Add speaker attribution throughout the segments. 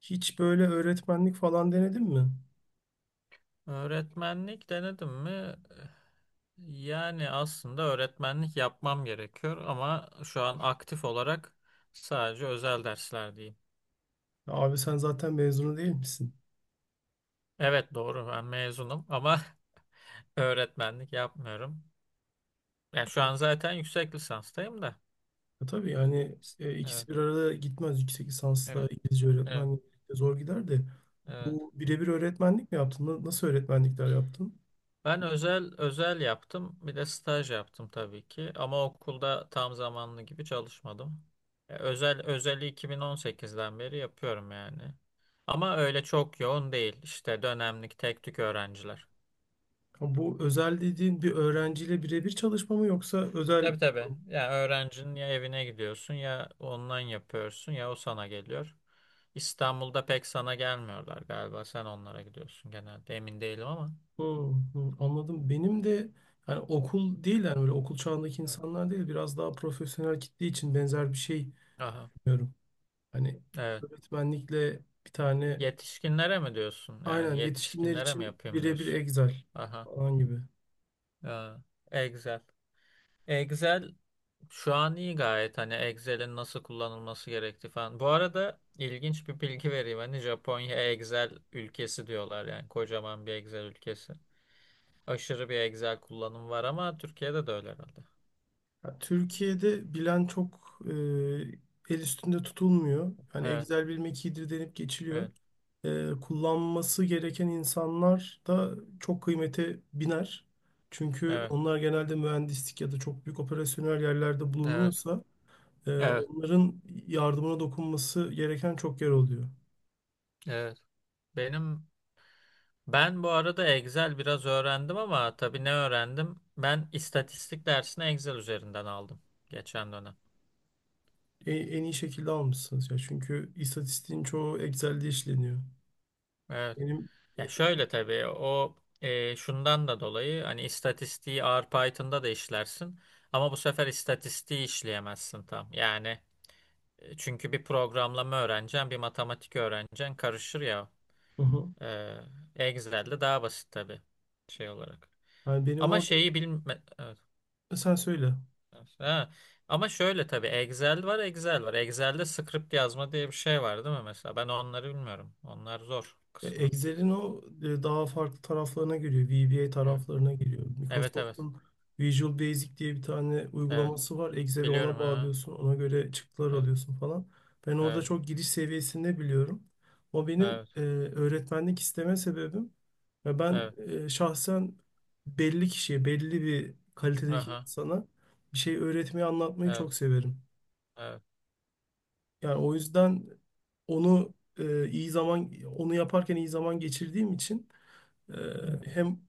Speaker 1: Hiç böyle öğretmenlik falan denedin mi?
Speaker 2: Öğretmenlik denedim mi? Yani aslında öğretmenlik yapmam gerekiyor ama şu an aktif olarak sadece özel dersler diyeyim.
Speaker 1: Abi sen zaten mezunu değil misin?
Speaker 2: Evet doğru ben mezunum ama öğretmenlik yapmıyorum. Ya şu an zaten yüksek lisanstayım da.
Speaker 1: Ya tabii yani ikisi
Speaker 2: Evet,
Speaker 1: bir arada gitmez. Yüksek lisansla
Speaker 2: evet,
Speaker 1: İngilizce öğretmenlik de zor gider de.
Speaker 2: evet.
Speaker 1: Bu birebir öğretmenlik mi yaptın? Nasıl öğretmenlikler yaptın?
Speaker 2: Ben özel özel yaptım. Bir de staj yaptım tabii ki. Ama okulda tam zamanlı gibi çalışmadım. Özel özeli 2018'den beri yapıyorum yani. Ama öyle çok yoğun değil. İşte dönemlik tek tük öğrenciler.
Speaker 1: Ha, bu özel dediğin bir öğrenciyle birebir çalışma mı yoksa özel...
Speaker 2: Tabii tabii. Ya öğrencinin ya evine gidiyorsun ya online yapıyorsun ya o sana geliyor. İstanbul'da pek sana gelmiyorlar galiba. Sen onlara gidiyorsun genelde. Emin değilim ama.
Speaker 1: Hmm, hmm, anladım. Benim de, yani okul değil, yani böyle okul çağındaki
Speaker 2: Evet.
Speaker 1: insanlar değil, biraz daha profesyonel kitle için benzer bir şey
Speaker 2: Aha.
Speaker 1: diyorum. Hani
Speaker 2: Evet.
Speaker 1: öğretmenlikle bir tane,
Speaker 2: Yetişkinlere mi diyorsun? Yani
Speaker 1: aynen, yetişkinler
Speaker 2: yetişkinlere mi
Speaker 1: için
Speaker 2: yapayım
Speaker 1: birebir
Speaker 2: diyorsun?
Speaker 1: Excel
Speaker 2: Aha.
Speaker 1: falan gibi.
Speaker 2: Ya, Excel. Excel şu an iyi gayet. Hani Excel'in nasıl kullanılması gerektiği falan. Bu arada ilginç bir bilgi vereyim. Hani Japonya Excel ülkesi diyorlar yani. Kocaman bir Excel ülkesi. Aşırı bir Excel kullanımı var ama Türkiye'de de öyle herhalde.
Speaker 1: Ya Türkiye'de bilen çok el üstünde tutulmuyor. Hani
Speaker 2: Evet.
Speaker 1: Excel bilmek iyidir denip geçiliyor.
Speaker 2: Evet.
Speaker 1: Kullanması gereken insanlar da çok kıymete biner. Çünkü
Speaker 2: Evet.
Speaker 1: onlar genelde mühendislik ya da çok büyük operasyonel yerlerde
Speaker 2: Evet.
Speaker 1: bulunuyorsa
Speaker 2: Evet.
Speaker 1: onların yardımına dokunması gereken çok yer oluyor.
Speaker 2: Evet. Benim Ben arada Excel biraz öğrendim ama tabii ne öğrendim? Ben istatistik dersini Excel üzerinden aldım geçen dönem.
Speaker 1: E- En iyi şekilde almışsınız ya. Çünkü istatistiğin çoğu Excel'de işleniyor.
Speaker 2: Evet.
Speaker 1: Benim e,
Speaker 2: Ya şöyle tabii şundan da dolayı hani istatistiği R Python'da da işlersin ama bu sefer istatistiği işleyemezsin tam. Yani çünkü bir programlama öğreneceksin, bir matematik öğreneceksin karışır ya.
Speaker 1: hı hı.
Speaker 2: E, Excel'de daha basit tabii şey olarak.
Speaker 1: Yani benim
Speaker 2: Ama
Speaker 1: orada,
Speaker 2: şeyi bilme... evet.
Speaker 1: sen söyle.
Speaker 2: Ha. Ama şöyle tabii Excel var, Excel var. Excel'de script yazma diye bir şey var değil mi mesela? Ben onları bilmiyorum. Onlar zor
Speaker 1: Ve
Speaker 2: kısmı.
Speaker 1: Excel'in o daha farklı taraflarına giriyor. VBA
Speaker 2: Evet,
Speaker 1: taraflarına giriyor.
Speaker 2: evet. Evet,
Speaker 1: Microsoft'un Visual Basic diye bir tane
Speaker 2: evet.
Speaker 1: uygulaması var. Excel'i
Speaker 2: Biliyorum.
Speaker 1: ona
Speaker 2: Ha.
Speaker 1: bağlıyorsun. Ona göre çıktılar
Speaker 2: Evet,
Speaker 1: alıyorsun falan. Ben orada
Speaker 2: evet,
Speaker 1: çok giriş seviyesinde biliyorum. O benim
Speaker 2: evet,
Speaker 1: öğretmenlik isteme sebebim. Ve ben
Speaker 2: evet.
Speaker 1: şahsen belli kişiye, belli bir kalitedeki
Speaker 2: Aha,
Speaker 1: insana bir şey öğretmeyi, anlatmayı
Speaker 2: evet,
Speaker 1: çok severim.
Speaker 2: evet.
Speaker 1: Yani o yüzden onu e, iyi zaman, onu yaparken iyi zaman geçirdiğim için ee,
Speaker 2: Evet.
Speaker 1: hem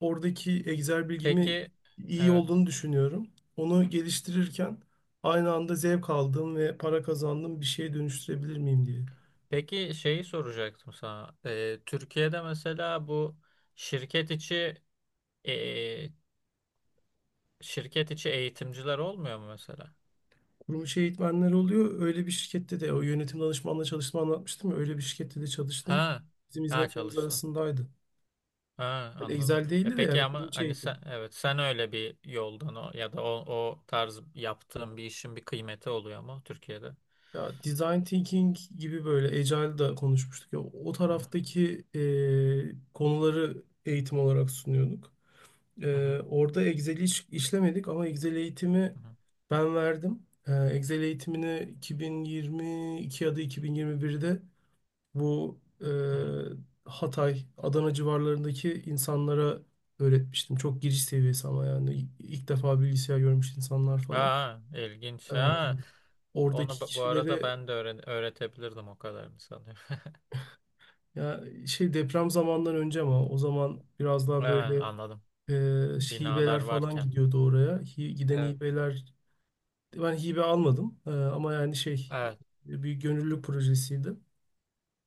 Speaker 1: oradaki Excel bilgimi
Speaker 2: Peki,
Speaker 1: iyi
Speaker 2: evet.
Speaker 1: olduğunu düşünüyorum. Onu geliştirirken aynı anda zevk aldığım ve para kazandığım bir şeye dönüştürebilir miyim diye.
Speaker 2: Peki şeyi soracaktım sana. Türkiye'de mesela bu şirket içi e, şirket içi eğitimciler olmuyor mu mesela?
Speaker 1: Kurumuş eğitmenler oluyor. Öyle bir şirkette de o yönetim danışmanla çalıştığımı anlatmıştım ya. Öyle bir şirkette de çalıştım.
Speaker 2: Ha,
Speaker 1: Bizim
Speaker 2: ha
Speaker 1: hizmetlerimiz
Speaker 2: çalıştın.
Speaker 1: arasındaydı.
Speaker 2: Ha,
Speaker 1: Yani
Speaker 2: anladım.
Speaker 1: Excel
Speaker 2: E
Speaker 1: değildi de,
Speaker 2: peki
Speaker 1: yani kurum
Speaker 2: ama
Speaker 1: içi
Speaker 2: hani sen
Speaker 1: eğitim.
Speaker 2: evet sen öyle bir yoldan o, ya da o, o tarz yaptığın bir işin bir kıymeti oluyor mu Türkiye'de?
Speaker 1: Ya, design thinking gibi, böyle Agile'da konuşmuştuk ya, o
Speaker 2: Hı hı,
Speaker 1: taraftaki konuları eğitim olarak sunuyorduk.
Speaker 2: hı hı,
Speaker 1: Orada Excel'i işlemedik ama Excel eğitimi
Speaker 2: hı hı,
Speaker 1: ben verdim. Excel eğitimini 2022 ya da 2021'de bu
Speaker 2: hı hı.
Speaker 1: Hatay, Adana civarlarındaki insanlara öğretmiştim. Çok giriş seviyesi ama yani ilk defa bilgisayar görmüş insanlar falan.
Speaker 2: Ha,
Speaker 1: Ee,
Speaker 2: ilginç. Ha.
Speaker 1: Oradaki
Speaker 2: Onu bu arada
Speaker 1: kişileri,
Speaker 2: ben de öğretebilirdim o kadarını sanıyorum.
Speaker 1: ya şey, deprem zamandan önce ama o zaman biraz daha
Speaker 2: Ha,
Speaker 1: böyle
Speaker 2: anladım.
Speaker 1: e, hibeler
Speaker 2: Binalar
Speaker 1: falan
Speaker 2: varken.
Speaker 1: gidiyordu oraya. Giden
Speaker 2: Evet.
Speaker 1: hibeler... Ben hibe almadım. Ama yani şey,
Speaker 2: Evet.
Speaker 1: bir gönüllülük projesiydi.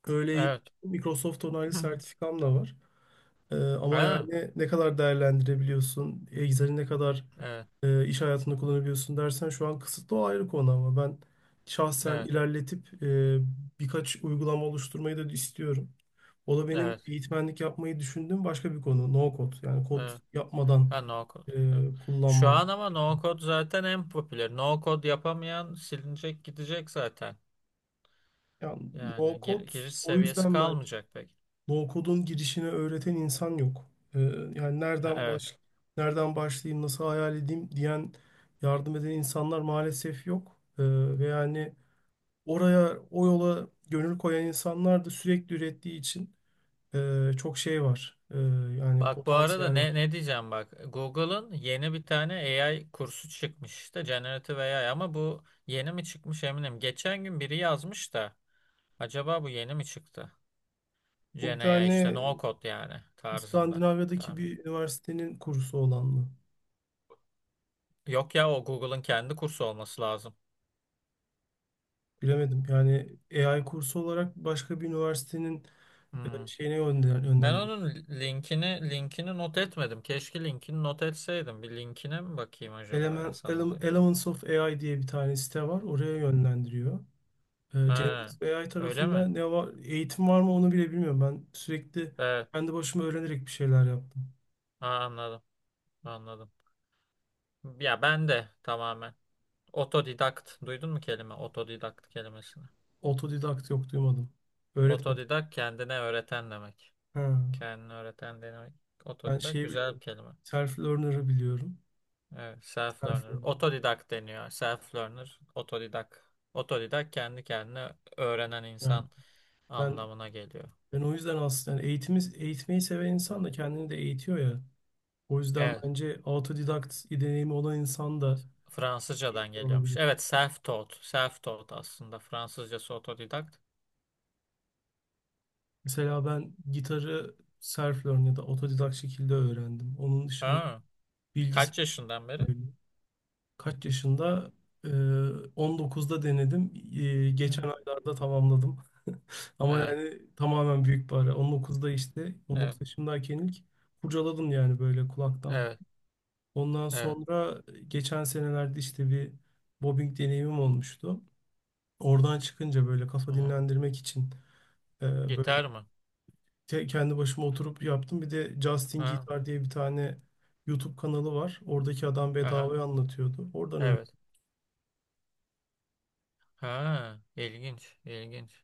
Speaker 1: Öyle
Speaker 2: Evet.
Speaker 1: Microsoft onaylı sertifikam da var. Ama
Speaker 2: Ha,
Speaker 1: yani ne kadar değerlendirebiliyorsun, Excel'i ne kadar
Speaker 2: evet.
Speaker 1: iş hayatında kullanabiliyorsun dersen şu an kısıtlı, o ayrı konu, ama ben şahsen
Speaker 2: Evet.
Speaker 1: ilerletip birkaç uygulama oluşturmayı da istiyorum. O da benim
Speaker 2: Evet.
Speaker 1: eğitmenlik yapmayı düşündüğüm başka bir konu. No code, yani kod
Speaker 2: Evet.
Speaker 1: yapmadan
Speaker 2: Ha no code. Evet. Şu
Speaker 1: kullanma.
Speaker 2: an ama no code zaten en popüler. No code yapamayan silinecek gidecek zaten.
Speaker 1: Yani no
Speaker 2: Yani
Speaker 1: code,
Speaker 2: giriş
Speaker 1: o
Speaker 2: seviyesi
Speaker 1: yüzden ben,
Speaker 2: kalmayacak pek.
Speaker 1: No-code'un girişini öğreten insan yok. Yani
Speaker 2: Ha, evet.
Speaker 1: nereden başlayayım, nasıl hayal edeyim diyen, yardım eden insanlar maalesef yok. Ve yani oraya, o yola gönül koyan insanlar da sürekli ürettiği için çok şey var. Yani
Speaker 2: Bak bu arada
Speaker 1: potansiyel var.
Speaker 2: ne diyeceğim bak. Google'ın yeni bir tane AI kursu çıkmış işte Generative AI ama bu yeni mi çıkmış eminim. Geçen gün biri yazmış da acaba bu yeni mi çıktı?
Speaker 1: Bu
Speaker 2: Gen
Speaker 1: bir
Speaker 2: AI işte
Speaker 1: tane
Speaker 2: no code yani tarzında
Speaker 1: İskandinavya'daki
Speaker 2: tahmin.
Speaker 1: bir üniversitenin kursu olan mı?
Speaker 2: Yok ya o Google'ın kendi kursu olması lazım.
Speaker 1: Bilemedim. Yani AI kursu olarak başka bir üniversitenin
Speaker 2: Hmm.
Speaker 1: şeyine
Speaker 2: Ben
Speaker 1: yönlendirmişler.
Speaker 2: onun linkini not etmedim. Keşke linkini not etseydim. Bir linkine mi bakayım acaba ya sana da yok.
Speaker 1: Elements of AI diye bir tane site var. Oraya yönlendiriyor.
Speaker 2: He,
Speaker 1: Generative AI
Speaker 2: öyle
Speaker 1: tarafında
Speaker 2: mi?
Speaker 1: ne var, eğitim var mı, onu bile bilmiyorum. Ben sürekli
Speaker 2: Evet.
Speaker 1: kendi başıma öğrenerek bir şeyler yaptım.
Speaker 2: Ha, anladım. Anladım. Ya ben de tamamen otodidakt. Duydun mu kelime? Otodidakt kelimesini.
Speaker 1: Otodidakt, yok, duymadım. Öğret bak.
Speaker 2: Otodidakt kendine öğreten demek.
Speaker 1: Ha.
Speaker 2: Kendine öğreten demek.
Speaker 1: Ben
Speaker 2: Otodidakt
Speaker 1: şeyi
Speaker 2: güzel bir
Speaker 1: biliyorum.
Speaker 2: kelime.
Speaker 1: Self-learner'ı biliyorum.
Speaker 2: Evet, self-learner.
Speaker 1: Self-learner.
Speaker 2: Otodidakt deniyor. Self-learner, otodidakt. Otodidakt kendi kendine öğrenen
Speaker 1: Yani
Speaker 2: insan
Speaker 1: ben
Speaker 2: anlamına geliyor.
Speaker 1: ben o yüzden aslında, yani eğitimi, eğitmeyi seven insan
Speaker 2: Evet.
Speaker 1: da kendini de eğitiyor ya. O yüzden
Speaker 2: Evet.
Speaker 1: bence autodidakt deneyimi olan insan da
Speaker 2: Fransızcadan
Speaker 1: eğitmen
Speaker 2: geliyormuş.
Speaker 1: olabilir.
Speaker 2: Evet, self-taught. Self-taught aslında. Fransızcası otodidakt.
Speaker 1: Mesela ben gitarı self-learn ya da otodidak şekilde öğrendim. Onun dışında
Speaker 2: Ha,
Speaker 1: bilgisayar
Speaker 2: kaç yaşından beri?
Speaker 1: böyle. Kaç yaşında? Ee, 19'da denedim. Geçen
Speaker 2: Evet.
Speaker 1: aylarda tamamladım. Ama
Speaker 2: Evet.
Speaker 1: yani tamamen büyük bir ara. 19'da, işte 19
Speaker 2: Evet.
Speaker 1: yaşındayken ilk kurcaladım yani, böyle kulaktan.
Speaker 2: Evet.
Speaker 1: Ondan
Speaker 2: Evet.
Speaker 1: sonra geçen senelerde işte bir bobbing deneyimim olmuştu. Oradan çıkınca böyle kafa
Speaker 2: Aha.
Speaker 1: dinlendirmek için böyle
Speaker 2: Gitar mı?
Speaker 1: kendi başıma oturup yaptım. Bir de Justin
Speaker 2: Ha.
Speaker 1: Guitar diye bir tane YouTube kanalı var. Oradaki adam
Speaker 2: Aha.
Speaker 1: bedavaya anlatıyordu. Oradan öğrendim.
Speaker 2: Evet. Ha, ilginç, ilginç.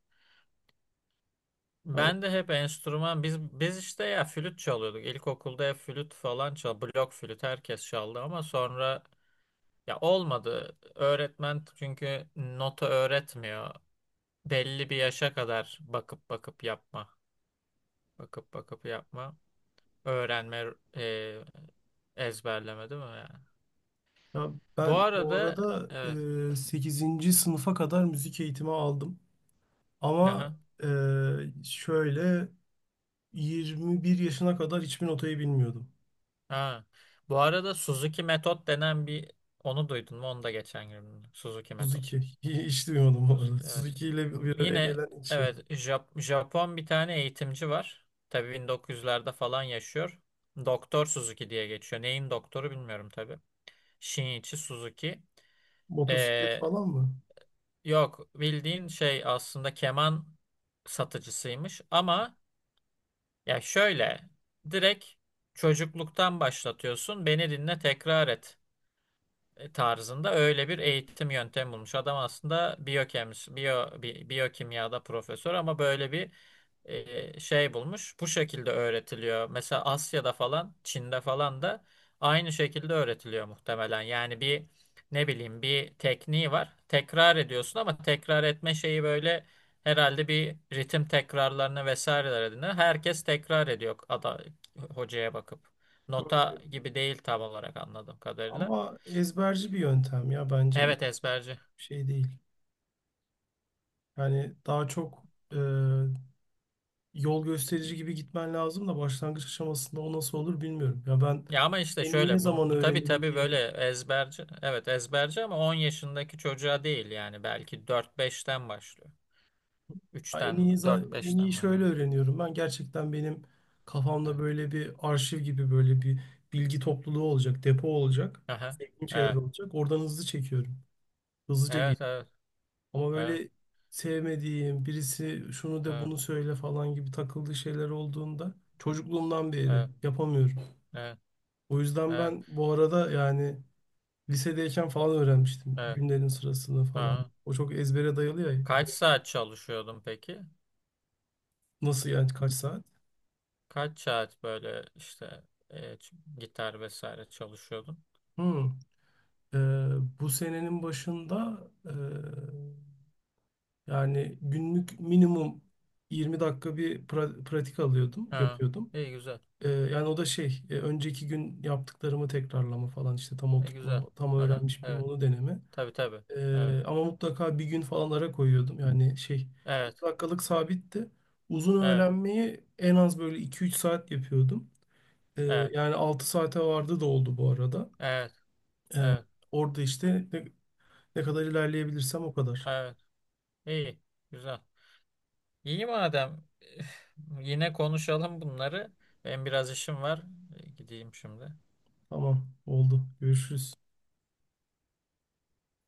Speaker 1: Ya, o-
Speaker 2: Ben de hep enstrüman biz işte ya flüt çalıyorduk. İlkokulda hep flüt falan çal, blok flüt herkes çaldı ama sonra ya olmadı. Öğretmen çünkü nota öğretmiyor. Belli bir yaşa kadar bakıp bakıp yapma. Bakıp bakıp yapma. Öğrenme, e, ezberleme değil mi yani?
Speaker 1: Ya
Speaker 2: Bu
Speaker 1: ben bu
Speaker 2: arada
Speaker 1: arada
Speaker 2: evet.
Speaker 1: 8. sınıfa kadar müzik eğitimi aldım. Ama
Speaker 2: Aha.
Speaker 1: şöyle 21 yaşına kadar hiçbir notayı bilmiyordum.
Speaker 2: Ha. Bu arada Suzuki metot denen bir onu duydun mu? Onu da geçen gün duydum. Suzuki
Speaker 1: Suzuki.
Speaker 2: metot.
Speaker 1: Hiç duymadım bu arada.
Speaker 2: Suzuki evet.
Speaker 1: Suzuki ile bir araya
Speaker 2: Yine
Speaker 1: gelen ilk şey.
Speaker 2: evet Japon bir tane eğitimci var. Tabii 1900'lerde falan yaşıyor. Doktor Suzuki diye geçiyor. Neyin doktoru bilmiyorum tabii. Shinichi Suzuki.
Speaker 1: Motosiklet
Speaker 2: Ee,
Speaker 1: falan mı?
Speaker 2: Yok bildiğin şey aslında keman satıcısıymış ama ya şöyle direkt çocukluktan başlatıyorsun beni dinle tekrar et tarzında öyle bir eğitim yöntemi bulmuş. Adam aslında biyokemist, biyokimyada profesör ama böyle bir şey bulmuş. Bu şekilde öğretiliyor. Mesela Asya'da falan, Çin'de falan da aynı şekilde öğretiliyor muhtemelen. Yani bir ne bileyim bir tekniği var. Tekrar ediyorsun ama tekrar etme şeyi böyle herhalde bir ritim tekrarlarına vesaireler edinir. Herkes tekrar ediyor hocaya bakıp. Nota gibi değil tam olarak anladığım kadarıyla.
Speaker 1: Ama ezberci bir yöntem ya, bence iyi
Speaker 2: Evet ezberci.
Speaker 1: bir şey değil. Yani daha çok e, yol gösterici gibi gitmen lazım da başlangıç aşamasında o nasıl olur bilmiyorum. Ya ben
Speaker 2: Ya ama işte
Speaker 1: en iyi ne
Speaker 2: şöyle
Speaker 1: zaman
Speaker 2: bu tabii
Speaker 1: öğrenirim
Speaker 2: tabii
Speaker 1: diye,
Speaker 2: böyle ezberci. Evet ezberci ama 10 yaşındaki çocuğa değil yani belki 4-5'ten başlıyor.
Speaker 1: ya
Speaker 2: 3'ten mi?
Speaker 1: en iyi
Speaker 2: 4-5'ten
Speaker 1: şöyle
Speaker 2: başlıyor.
Speaker 1: öğreniyorum. Ben gerçekten, benim kafamda
Speaker 2: Evet.
Speaker 1: böyle bir arşiv gibi, böyle bir bilgi topluluğu olacak, depo olacak,
Speaker 2: Aha.
Speaker 1: sevdiğim şeyler
Speaker 2: Evet.
Speaker 1: olacak. Oradan hızlı çekiyorum. Hızlıca geliyor.
Speaker 2: Evet evet.
Speaker 1: Ama
Speaker 2: Evet.
Speaker 1: böyle sevmediğim birisi şunu de,
Speaker 2: Evet.
Speaker 1: bunu söyle falan gibi takıldığı şeyler olduğunda çocukluğumdan beri
Speaker 2: Evet.
Speaker 1: yapamıyorum.
Speaker 2: Evet.
Speaker 1: O yüzden
Speaker 2: Evet.
Speaker 1: ben bu arada yani lisedeyken falan öğrenmiştim
Speaker 2: Evet.
Speaker 1: günlerin sırasını falan.
Speaker 2: Ha.
Speaker 1: O çok ezbere dayalı ya.
Speaker 2: Kaç saat çalışıyordun peki?
Speaker 1: Nasıl yani kaç saat?
Speaker 2: Kaç saat böyle işte gitar vesaire çalışıyordun?
Speaker 1: Hmm. Ee, Bu senenin başında e, yani günlük minimum 20 dakika bir pratik alıyordum,
Speaker 2: Ha.
Speaker 1: yapıyordum.
Speaker 2: İyi güzel.
Speaker 1: Yani o da şey, önceki gün yaptıklarımı tekrarlama falan işte, tam
Speaker 2: İyi güzel.
Speaker 1: oturtma, tam
Speaker 2: Aha.
Speaker 1: öğrenmiş miyim
Speaker 2: Evet.
Speaker 1: onu deneme.
Speaker 2: Tabii tabii. Evet.
Speaker 1: Ama mutlaka bir gün falan ara koyuyordum. Yani şey,
Speaker 2: Evet.
Speaker 1: 20 dakikalık sabitti. Uzun
Speaker 2: Evet.
Speaker 1: öğrenmeyi en az böyle iki üç saat yapıyordum. Ee,
Speaker 2: Evet.
Speaker 1: Yani 6 saate vardı da oldu bu arada.
Speaker 2: Evet,
Speaker 1: Ee,
Speaker 2: evet,
Speaker 1: Orada işte ne, ne kadar ilerleyebilirsem o kadar.
Speaker 2: evet. İyi, güzel. İyi madem. Yine konuşalım bunları. Ben biraz işim var. Gideyim şimdi.
Speaker 1: Tamam, oldu. Görüşürüz.